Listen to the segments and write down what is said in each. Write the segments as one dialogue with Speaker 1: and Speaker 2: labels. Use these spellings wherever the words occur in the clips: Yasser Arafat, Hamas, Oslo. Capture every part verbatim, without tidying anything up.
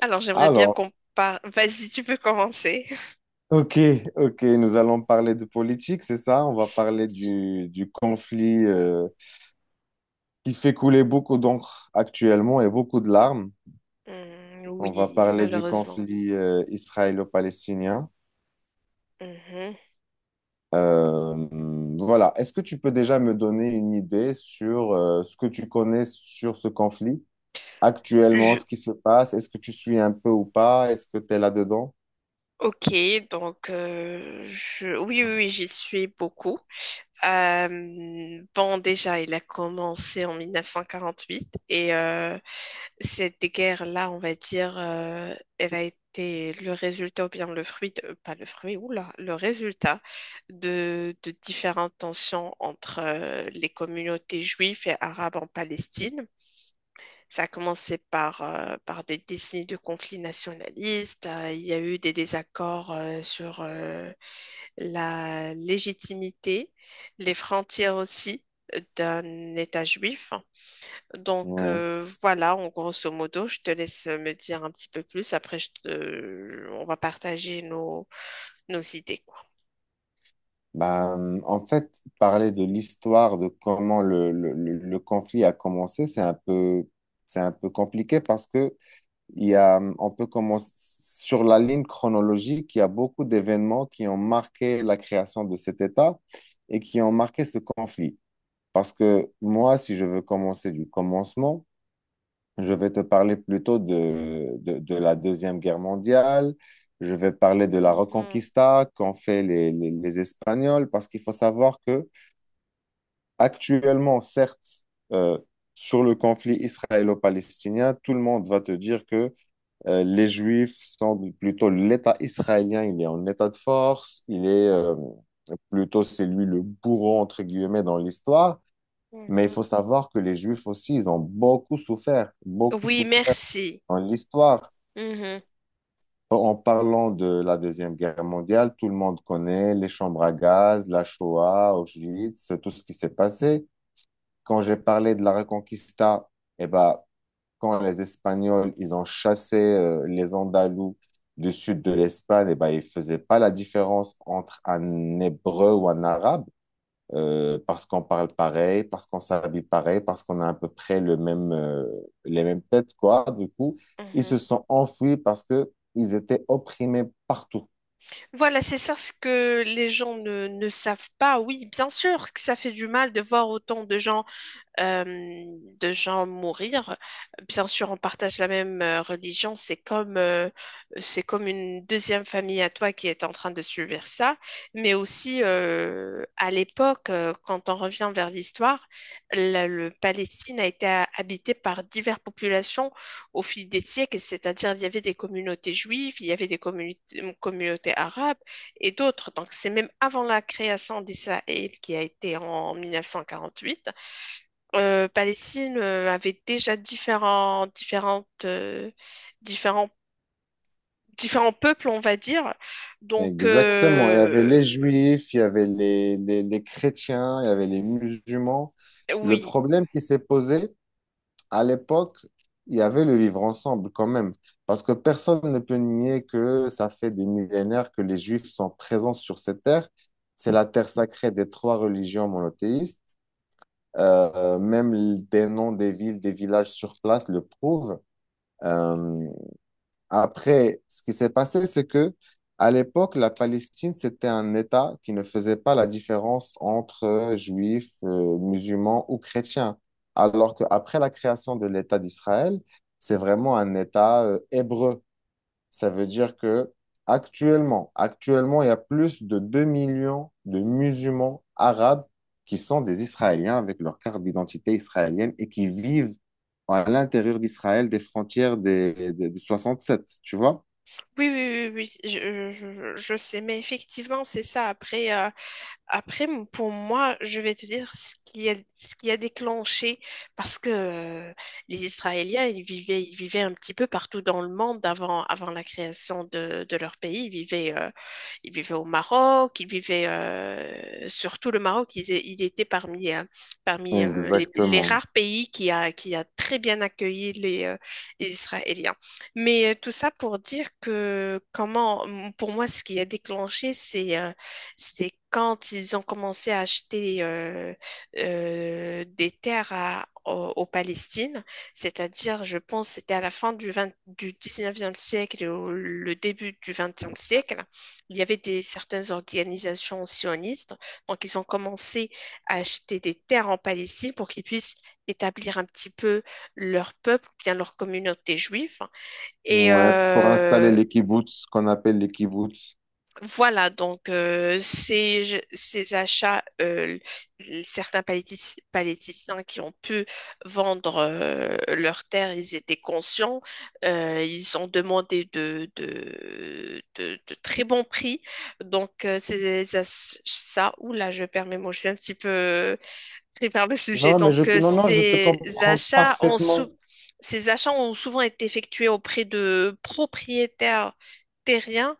Speaker 1: Alors, j'aimerais bien
Speaker 2: Alors,
Speaker 1: qu'on parle. Vas-y, tu peux commencer.
Speaker 2: ok, ok, nous allons parler de politique, c'est ça? On va parler du, du conflit euh, qui fait couler beaucoup d'encre actuellement et beaucoup de larmes.
Speaker 1: Hmm,
Speaker 2: On va
Speaker 1: oui,
Speaker 2: parler du
Speaker 1: malheureusement.
Speaker 2: conflit euh, israélo-palestinien.
Speaker 1: Mhm.
Speaker 2: Euh, voilà, est-ce que tu peux déjà me donner une idée sur euh, ce que tu connais sur ce conflit actuellement,
Speaker 1: Je...
Speaker 2: ce qui se passe? Est-ce que tu suis un peu ou pas? Est-ce que tu es là-dedans?
Speaker 1: Ok, donc euh, je... oui, oui, oui, j'y suis beaucoup. Euh, bon, déjà, il a commencé en mille neuf cent quarante-huit et euh, cette guerre-là, on va dire, euh, elle a été le résultat ou bien le fruit, de- pas le fruit, oula, le résultat de, de différentes tensions entre euh, les communautés juives et arabes en Palestine. Ça a commencé par, euh, par des décennies de conflits nationalistes. Euh, il y a eu des désaccords euh, sur euh, la légitimité, les frontières aussi euh, d'un État juif. Donc
Speaker 2: Oui.
Speaker 1: euh, voilà, en grosso modo, je te laisse me dire un petit peu plus. Après, je te- on va partager nos, nos idées, quoi.
Speaker 2: Ben, en fait, parler de l'histoire de comment le, le, le- le conflit a commencé, c'est un peu, c'est un peu compliqué parce que il y a, on peut commencer sur la ligne chronologique, il y a beaucoup d'événements qui ont marqué la création de cet État et qui ont marqué ce conflit. Parce que moi, si je veux commencer du commencement, je vais te parler plutôt de, de, de la Deuxième Guerre mondiale. Je vais parler de la
Speaker 1: Mhm,
Speaker 2: Reconquista qu'ont fait les, les- les Espagnols, parce qu'il faut savoir que actuellement, certes, euh, sur le conflit israélo-palestinien, tout le monde va te dire que euh, les Juifs sont plutôt l'État israélien, il est en état de force, il est euh, plutôt c'est lui le bourreau, entre guillemets, dans l'histoire. Mais il
Speaker 1: mhm.
Speaker 2: faut savoir que les Juifs aussi, ils ont beaucoup souffert, beaucoup
Speaker 1: Oui,
Speaker 2: souffert
Speaker 1: merci.
Speaker 2: dans l'histoire.
Speaker 1: Mhm,
Speaker 2: En parlant de la Deuxième Guerre mondiale, tout le monde connaît les chambres à gaz, la Shoah, Auschwitz, tout ce qui s'est passé. Quand j'ai parlé de la Reconquista, eh ben, quand les Espagnols ils ont chassé euh, les Andalous du sud de l'Espagne, eh ben, ils ne faisaient pas la différence entre un Hébreu ou un Arabe euh, parce qu'on parle pareil, parce qu'on s'habille pareil, parce qu'on a à peu près le même, euh, les mêmes têtes, quoi. Du coup, ils se
Speaker 1: mhm.
Speaker 2: sont enfuis parce que ils étaient opprimés partout.
Speaker 1: Voilà, c'est ça ce que les gens ne, ne savent pas. Oui, bien sûr que ça fait du mal de voir autant de gens euh, de gens mourir. Bien sûr, on partage la même euh, religion, c'est comme, euh, c'est comme une deuxième famille à toi qui est en train de subir ça, mais aussi euh, à l'époque, euh, quand on revient vers l'histoire, la- le Palestine a été ha- habité par diverses populations au fil des siècles, c'est-à-dire il y avait des communautés juives, il y avait des communi- communautés arabes et d'autres. Donc c'est même avant la création d'Israël qui a été en mille neuf cent quarante-huit. Euh, Palestine euh, avait déjà différents, différentes, euh, différents, différents peuples, on va dire. Donc,
Speaker 2: Exactement. Il y avait
Speaker 1: euh,
Speaker 2: les juifs, il y avait les, les, les chrétiens, il y avait les musulmans. Le
Speaker 1: oui.
Speaker 2: problème qui s'est posé, à l'époque, il y avait le vivre ensemble quand même, parce que personne ne peut nier que ça fait des millénaires que les Juifs sont présents sur cette terre. C'est la terre sacrée des trois religions monothéistes. Euh, même des noms des villes, des villages sur place le prouvent. Euh, Après, ce qui s'est passé, c'est que à l'époque, la Palestine, c'était un État qui ne faisait pas la différence entre euh, juifs, euh, musulmans ou chrétiens. Alors qu'après la création de l'État d'Israël, c'est vraiment un État euh, hébreu. Ça veut dire que actuellement, actuellement, il y a plus de deux millions de musulmans arabes qui sont des Israéliens avec leur carte d'identité israélienne et qui vivent à l'intérieur d'Israël des frontières des, des- du soixante-sept, tu vois?
Speaker 1: Oui, oui, oui, oui, oui. je, je- je- je- sais, mais effectivement, c'est ça. Après, euh, Après, m- pour moi, je vais te dire ce qui a, ce qui a déclenché, parce que euh, les Israéliens, ils vivaient, ils vivaient un petit peu partout dans le monde avant, avant la création de, de leur pays. Ils vivaient, euh, ils vivaient au Maroc, ils vivaient euh, surtout le Maroc, il, est- il était parmi, euh, parmi euh, les, les
Speaker 2: Exactement.
Speaker 1: rares pays qui a, qui a très bien accueilli les, euh, les Israéliens. Mais euh, tout ça pour dire que comment, pour moi, ce qui a déclenché, c'est... euh, c'est quand ils ont commencé à acheter euh, euh, des terres à, au, au Palestine, c'est-à-dire, je pense, c'était à la fin du, vingt du dix-neuvième siècle et au- le début du vingtième siècle. Il y avait des, certaines organisations sionistes, donc ils ont commencé à acheter des terres en Palestine pour qu'ils puissent établir un petit peu leur peuple, ou bien leur communauté juive. Et
Speaker 2: Ouais, pour installer
Speaker 1: euh,
Speaker 2: les kibbutz, ce qu'on appelle les kibbutz.
Speaker 1: voilà, donc euh, ces, je- ces achats, euh, l- certains palétis- paléticiens qui ont pu vendre euh, leurs terres, ils étaient conscients, euh, ils ont demandé de, de, de- de très bons prix. Donc euh, ces achats, oula, je permets, moi je suis un petit peu pris par le sujet.
Speaker 2: Non, mais je,
Speaker 1: Donc euh,
Speaker 2: non, non, je te
Speaker 1: ces
Speaker 2: comprends
Speaker 1: achats ont
Speaker 2: parfaitement.
Speaker 1: sou- ces achats ont souvent été effectués auprès de propriétaires terriens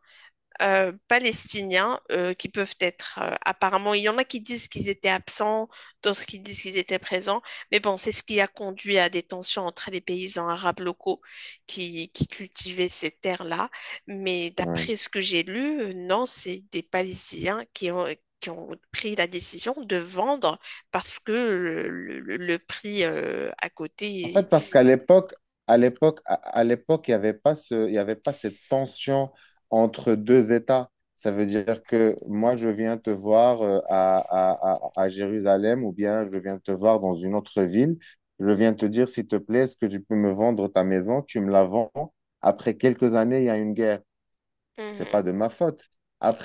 Speaker 1: euh, palestiniens euh, qui peuvent être euh, apparemment, il y en a qui disent qu'ils étaient absents, d'autres qui disent qu'ils étaient présents, mais bon, c'est ce qui a conduit à des tensions entre les paysans arabes locaux qui, qui cultivaient ces terres-là. Mais
Speaker 2: Ouais.
Speaker 1: d'après ce que j'ai lu, euh, non, c'est des Palestiniens qui ont, qui ont pris la décision de vendre parce que le, le- le prix euh, à
Speaker 2: En
Speaker 1: côté.
Speaker 2: fait, parce qu'à l'époque, à l'époque, à à l'époque, il n'y avait pas ce, il y avait pas cette tension entre deux États. Ça veut dire que moi, je viens te voir euh, à, à, à, à Jérusalem ou bien je viens te voir dans une autre ville. Je viens te dire, s'il te plaît, est-ce que tu peux me vendre ta maison? Tu me la vends. Après quelques années, il y a une guerre. C'est pas
Speaker 1: Mhm.
Speaker 2: de ma faute.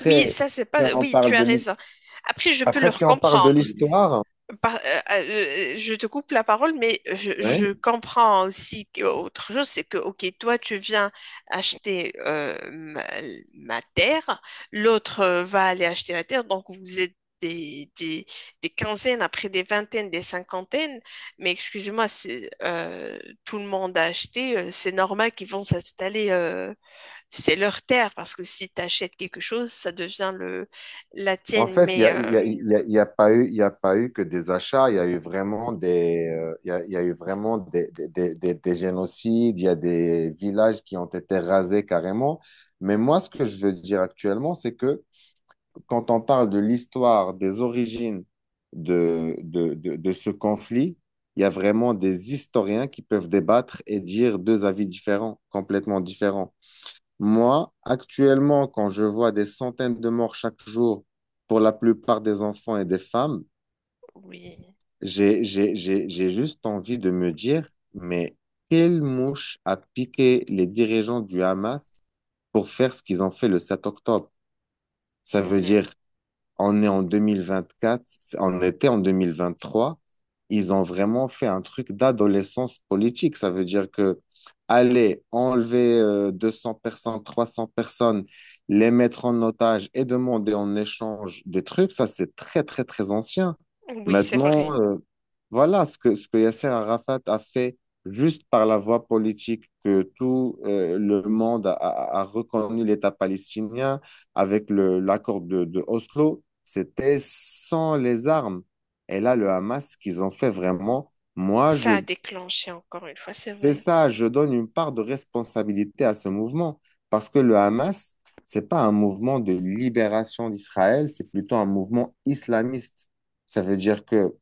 Speaker 1: Oui, ça c'est
Speaker 2: si
Speaker 1: pas.
Speaker 2: on
Speaker 1: Oui,
Speaker 2: parle
Speaker 1: tu as
Speaker 2: de l'histoire,
Speaker 1: raison. Après, je peux
Speaker 2: après, si
Speaker 1: leur
Speaker 2: on parle de
Speaker 1: comprendre.
Speaker 2: l'histoire,
Speaker 1: Par- euh, euh, je te coupe la parole, mais je,
Speaker 2: ouais.
Speaker 1: je comprends aussi que- autre chose, c'est que, ok, toi, tu viens acheter euh, ma, ma terre, l'autre euh, va aller acheter la terre, donc vous êtes des, des, des quinzaines, après des vingtaines, des cinquantaines, mais excusez-moi, c'est, euh, tout le monde a acheté, euh, c'est normal qu'ils vont s'installer, euh, c'est leur terre, parce que si tu achètes quelque chose, ça devient le, la
Speaker 2: En
Speaker 1: tienne,
Speaker 2: fait,
Speaker 1: mais
Speaker 2: ça il n'y a, il y a,
Speaker 1: euh,
Speaker 2: il y a- il y a pas eu, il y a pas eu que des achats, il y a eu vraiment des, euh, il y a, il y a eu vraiment des, des, des, des- des génocides, il y a des villages qui ont été rasés carrément. Mais moi, ce que je veux dire actuellement, c'est que quand on parle de l'histoire, des origines de, de, de, de ce conflit, il y a vraiment des historiens qui peuvent débattre et dire deux avis différents, complètement différents. Moi, actuellement, quand je vois des centaines de morts chaque jour pour la plupart des enfants et des femmes,
Speaker 1: oui.
Speaker 2: j'ai, j'ai, j'ai, j'ai juste envie de me dire, mais quelle mouche a piqué les dirigeants du Hamas pour faire ce qu'ils ont fait le sept octobre? Ça veut
Speaker 1: Mhm.
Speaker 2: dire on est en deux mille vingt-quatre, c'est- on était en deux mille vingt-trois. Ils ont vraiment fait un truc d'adolescence politique. Ça veut dire que aller enlever euh, deux cents personnes, trois cents personnes, les mettre en otage et demander en échange des trucs, ça c'est très très très ancien.
Speaker 1: Oui, c'est
Speaker 2: Maintenant,
Speaker 1: vrai.
Speaker 2: euh, voilà ce que, ce que Yasser Arafat a fait juste par la voie politique que tout euh, le monde a, a- a reconnu l'État palestinien avec le, l'accord de, de Oslo, c'était sans les armes. Et là, le Hamas, ce qu'ils ont fait vraiment, moi,
Speaker 1: Ça
Speaker 2: je,
Speaker 1: a déclenché encore une fois, c'est
Speaker 2: c'est
Speaker 1: vrai.
Speaker 2: ça, je donne une part de responsabilité à ce mouvement. Parce que le Hamas, c'est pas un mouvement de libération d'Israël, c'est plutôt un mouvement islamiste. Ça veut dire que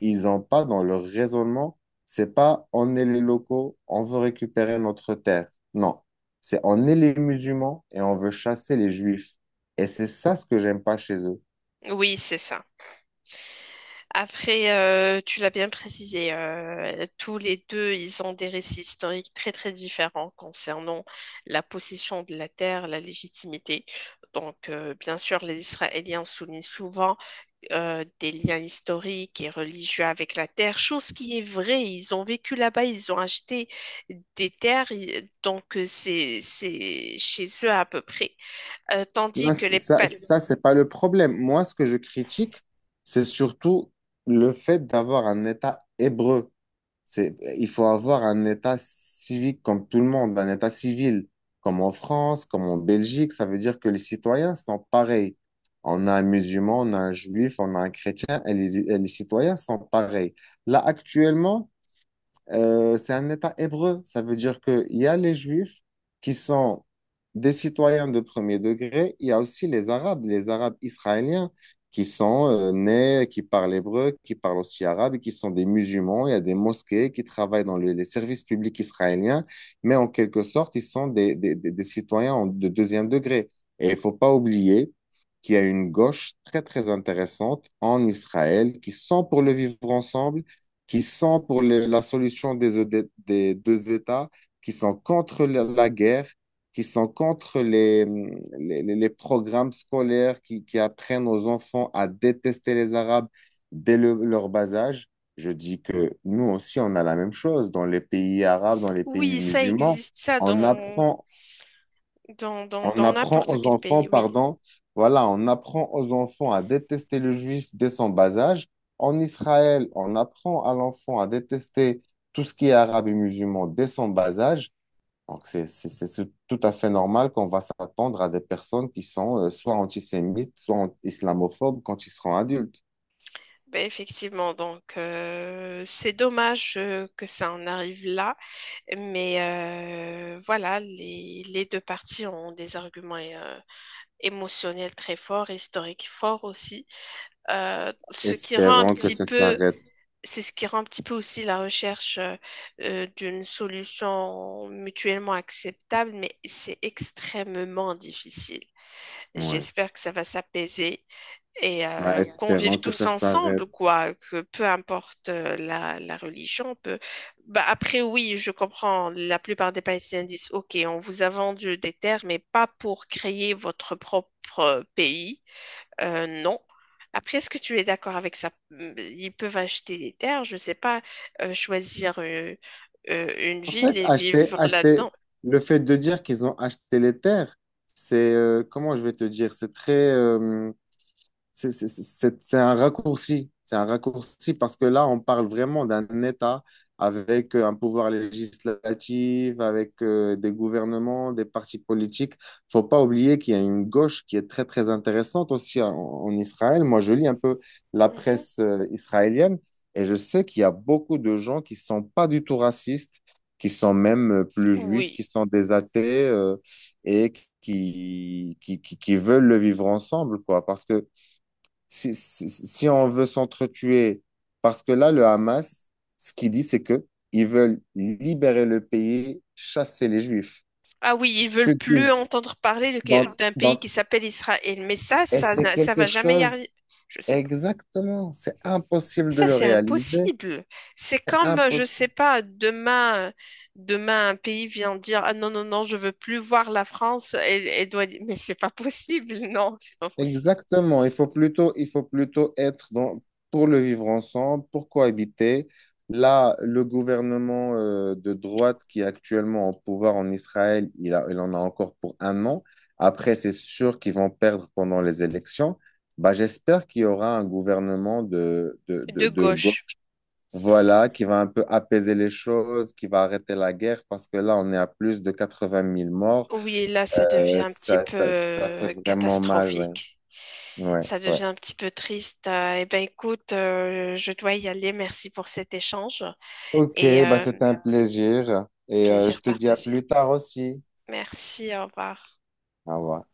Speaker 2: ils n'ont pas dans leur raisonnement, c'est pas on est les locaux, on veut récupérer notre terre. Non, c'est on est les musulmans et on veut chasser les juifs. Et c'est ça ce que j'aime pas chez eux.
Speaker 1: Oui, c'est ça. Après, euh, tu l'as bien précisé, euh, tous les deux, ils ont des récits historiques très très différents concernant la possession de la terre, la légitimité. Donc, euh, bien sûr, les Israéliens soulignent souvent euh, des liens historiques et religieux avec la terre, chose qui est vraie. Ils ont vécu là-bas, ils ont acheté des terres, ils- donc euh, c'est c'est chez eux à peu près. Euh,
Speaker 2: Non,
Speaker 1: tandis que
Speaker 2: c-
Speaker 1: les
Speaker 2: ça,
Speaker 1: pal...
Speaker 2: ça, c'est pas le problème. Moi, ce que je critique, c'est surtout le fait d'avoir un État hébreu. C'est, il faut avoir un État civique comme tout le monde, un État civil, comme en France, comme en Belgique. Ça veut dire que les citoyens sont pareils. On a un musulman, on a un juif, on a un chrétien, et les, et les citoyens sont pareils. Là, actuellement, euh, c'est un État hébreu. Ça veut dire qu'il y a les Juifs qui sont des citoyens de premier degré. Il y a aussi les Arabes, les Arabes israéliens qui sont euh, nés, qui parlent hébreu, qui parlent aussi arabe et qui sont des musulmans. Il y a des mosquées qui travaillent dans le- les services publics israéliens, mais en quelque sorte, ils sont des, des- des- des citoyens en- de deuxième degré. Et il ne faut pas oublier qu'il y a une gauche très, très intéressante en Israël qui sont pour le vivre ensemble qui sont pour le- la solution des, ED des deux États, qui sont contre la, la guerre, qui sont contre les, les, les- les programmes scolaires qui, qui apprennent aux enfants à détester les Arabes dès le- leur bas âge. Je dis que nous aussi, on a la même chose dans les pays arabes, dans les pays
Speaker 1: Oui, ça
Speaker 2: musulmans.
Speaker 1: existe, ça,
Speaker 2: On
Speaker 1: dans,
Speaker 2: apprend
Speaker 1: dans, dans,
Speaker 2: on
Speaker 1: dans
Speaker 2: apprend
Speaker 1: n'importe
Speaker 2: aux
Speaker 1: quel
Speaker 2: enfants,
Speaker 1: pays, oui.
Speaker 2: pardon, voilà, on apprend aux enfants à détester le juif dès son bas âge. En Israël, on apprend à l'enfant à détester tout ce qui est arabe et musulman dès son bas âge. Donc, c'est c'est- c'est- c'est tout à fait normal qu'on va s'attendre à des personnes qui sont euh, soit antisémites, soit an- islamophobes quand ils seront adultes.
Speaker 1: Ben, effectivement, donc euh, c'est dommage euh, que ça en arrive là, mais euh, voilà, les, les deux parties ont des arguments euh, émotionnels très forts, historiques forts aussi. Euh, ce qui rend un
Speaker 2: Espérons que
Speaker 1: petit
Speaker 2: ça
Speaker 1: peu,
Speaker 2: s'arrête.
Speaker 1: C'est ce qui rend un petit peu aussi la recherche euh, euh, d'une solution mutuellement acceptable, mais c'est extrêmement difficile.
Speaker 2: Ouais.
Speaker 1: J'espère que ça va s'apaiser et
Speaker 2: Bah,
Speaker 1: euh, qu'on
Speaker 2: espérons
Speaker 1: vive
Speaker 2: que
Speaker 1: tous
Speaker 2: ça
Speaker 1: ensemble,
Speaker 2: s'arrête.
Speaker 1: quoi, que peu importe euh, la, la religion, peu... Bah, après, oui, je comprends, la plupart des Palestiniens disent, OK, on vous a vendu des terres, mais pas pour créer votre propre pays. Euh, non. Après, est-ce que tu es d'accord avec ça? Ils peuvent acheter des terres, je sais pas, euh, choisir euh, euh, une
Speaker 2: En fait,
Speaker 1: ville et
Speaker 2: acheter,
Speaker 1: vivre
Speaker 2: acheter,
Speaker 1: là-dedans.
Speaker 2: le fait de dire qu'ils ont acheté les terres, c'est, euh, comment je vais te dire, c'est très, euh, c'est c'est- c'est- c'est un raccourci. C'est un raccourci parce que là, on parle vraiment d'un État avec euh, un pouvoir législatif, avec euh, des gouvernements, des partis politiques. Faut pas oublier qu'il y a une gauche qui est très, très intéressante aussi en, en Israël. Moi, je lis un peu la
Speaker 1: Mhm.
Speaker 2: presse euh, israélienne et je sais qu'il y a beaucoup de gens qui sont pas du tout racistes, qui sont même euh, plus juifs,
Speaker 1: Oui.
Speaker 2: qui sont des athées euh, et qui, qui, qui, qui veulent le vivre ensemble, quoi. Parce que si, si, si on veut s'entretuer, parce que là, le Hamas, ce qu'il dit, c'est que ils veulent libérer le pays, chasser les Juifs.
Speaker 1: Ah oui, ils
Speaker 2: Ce que
Speaker 1: veulent plus
Speaker 2: disent.
Speaker 1: entendre parler de-
Speaker 2: Donc,
Speaker 1: d'un pays
Speaker 2: donc,
Speaker 1: qui s'appelle Israël. Mais ça,
Speaker 2: et
Speaker 1: ça,
Speaker 2: c'est
Speaker 1: n'a- ça
Speaker 2: quelque
Speaker 1: va jamais y
Speaker 2: chose,
Speaker 1: arriver. Je sais pas.
Speaker 2: exactement, c'est impossible de
Speaker 1: Ça,
Speaker 2: le
Speaker 1: c'est
Speaker 2: réaliser,
Speaker 1: impossible. C'est
Speaker 2: c'est
Speaker 1: comme, euh, je sais
Speaker 2: impossible.
Speaker 1: pas, demain, demain, un pays vient dire, ah non, non, non, je veux plus voir la France. Elle, elle doit dire, mais c'est pas possible. Non, c'est pas possible.
Speaker 2: Exactement, il faut plutôt, il faut plutôt être dans, pour le vivre ensemble, pour cohabiter. Là, le gouvernement euh, de droite qui est actuellement au pouvoir en Israël, il a- il en a encore pour un an. Après, c'est sûr qu'ils vont perdre pendant les élections. Bah, j'espère qu'il y aura un gouvernement de, de, de,
Speaker 1: De
Speaker 2: de gauche,
Speaker 1: gauche.
Speaker 2: voilà, qui va un peu apaiser les choses, qui va arrêter la guerre, parce que là, on est à plus de quatre-vingt mille morts.
Speaker 1: Oui, là, ça devient
Speaker 2: Euh,
Speaker 1: un petit
Speaker 2: ça,
Speaker 1: peu
Speaker 2: ça, ça fait
Speaker 1: euh,
Speaker 2: vraiment mal, ouais.
Speaker 1: catastrophique.
Speaker 2: Ouais,
Speaker 1: Ça devient
Speaker 2: ouais.
Speaker 1: un petit peu triste. Euh, eh bien, écoute, euh, je dois y aller. Merci pour cet échange
Speaker 2: Ok,
Speaker 1: et
Speaker 2: bah
Speaker 1: euh,
Speaker 2: c'était un plaisir et euh, je
Speaker 1: plaisir
Speaker 2: te dis à
Speaker 1: partagé.
Speaker 2: plus tard aussi.
Speaker 1: Merci, au revoir.
Speaker 2: Au revoir.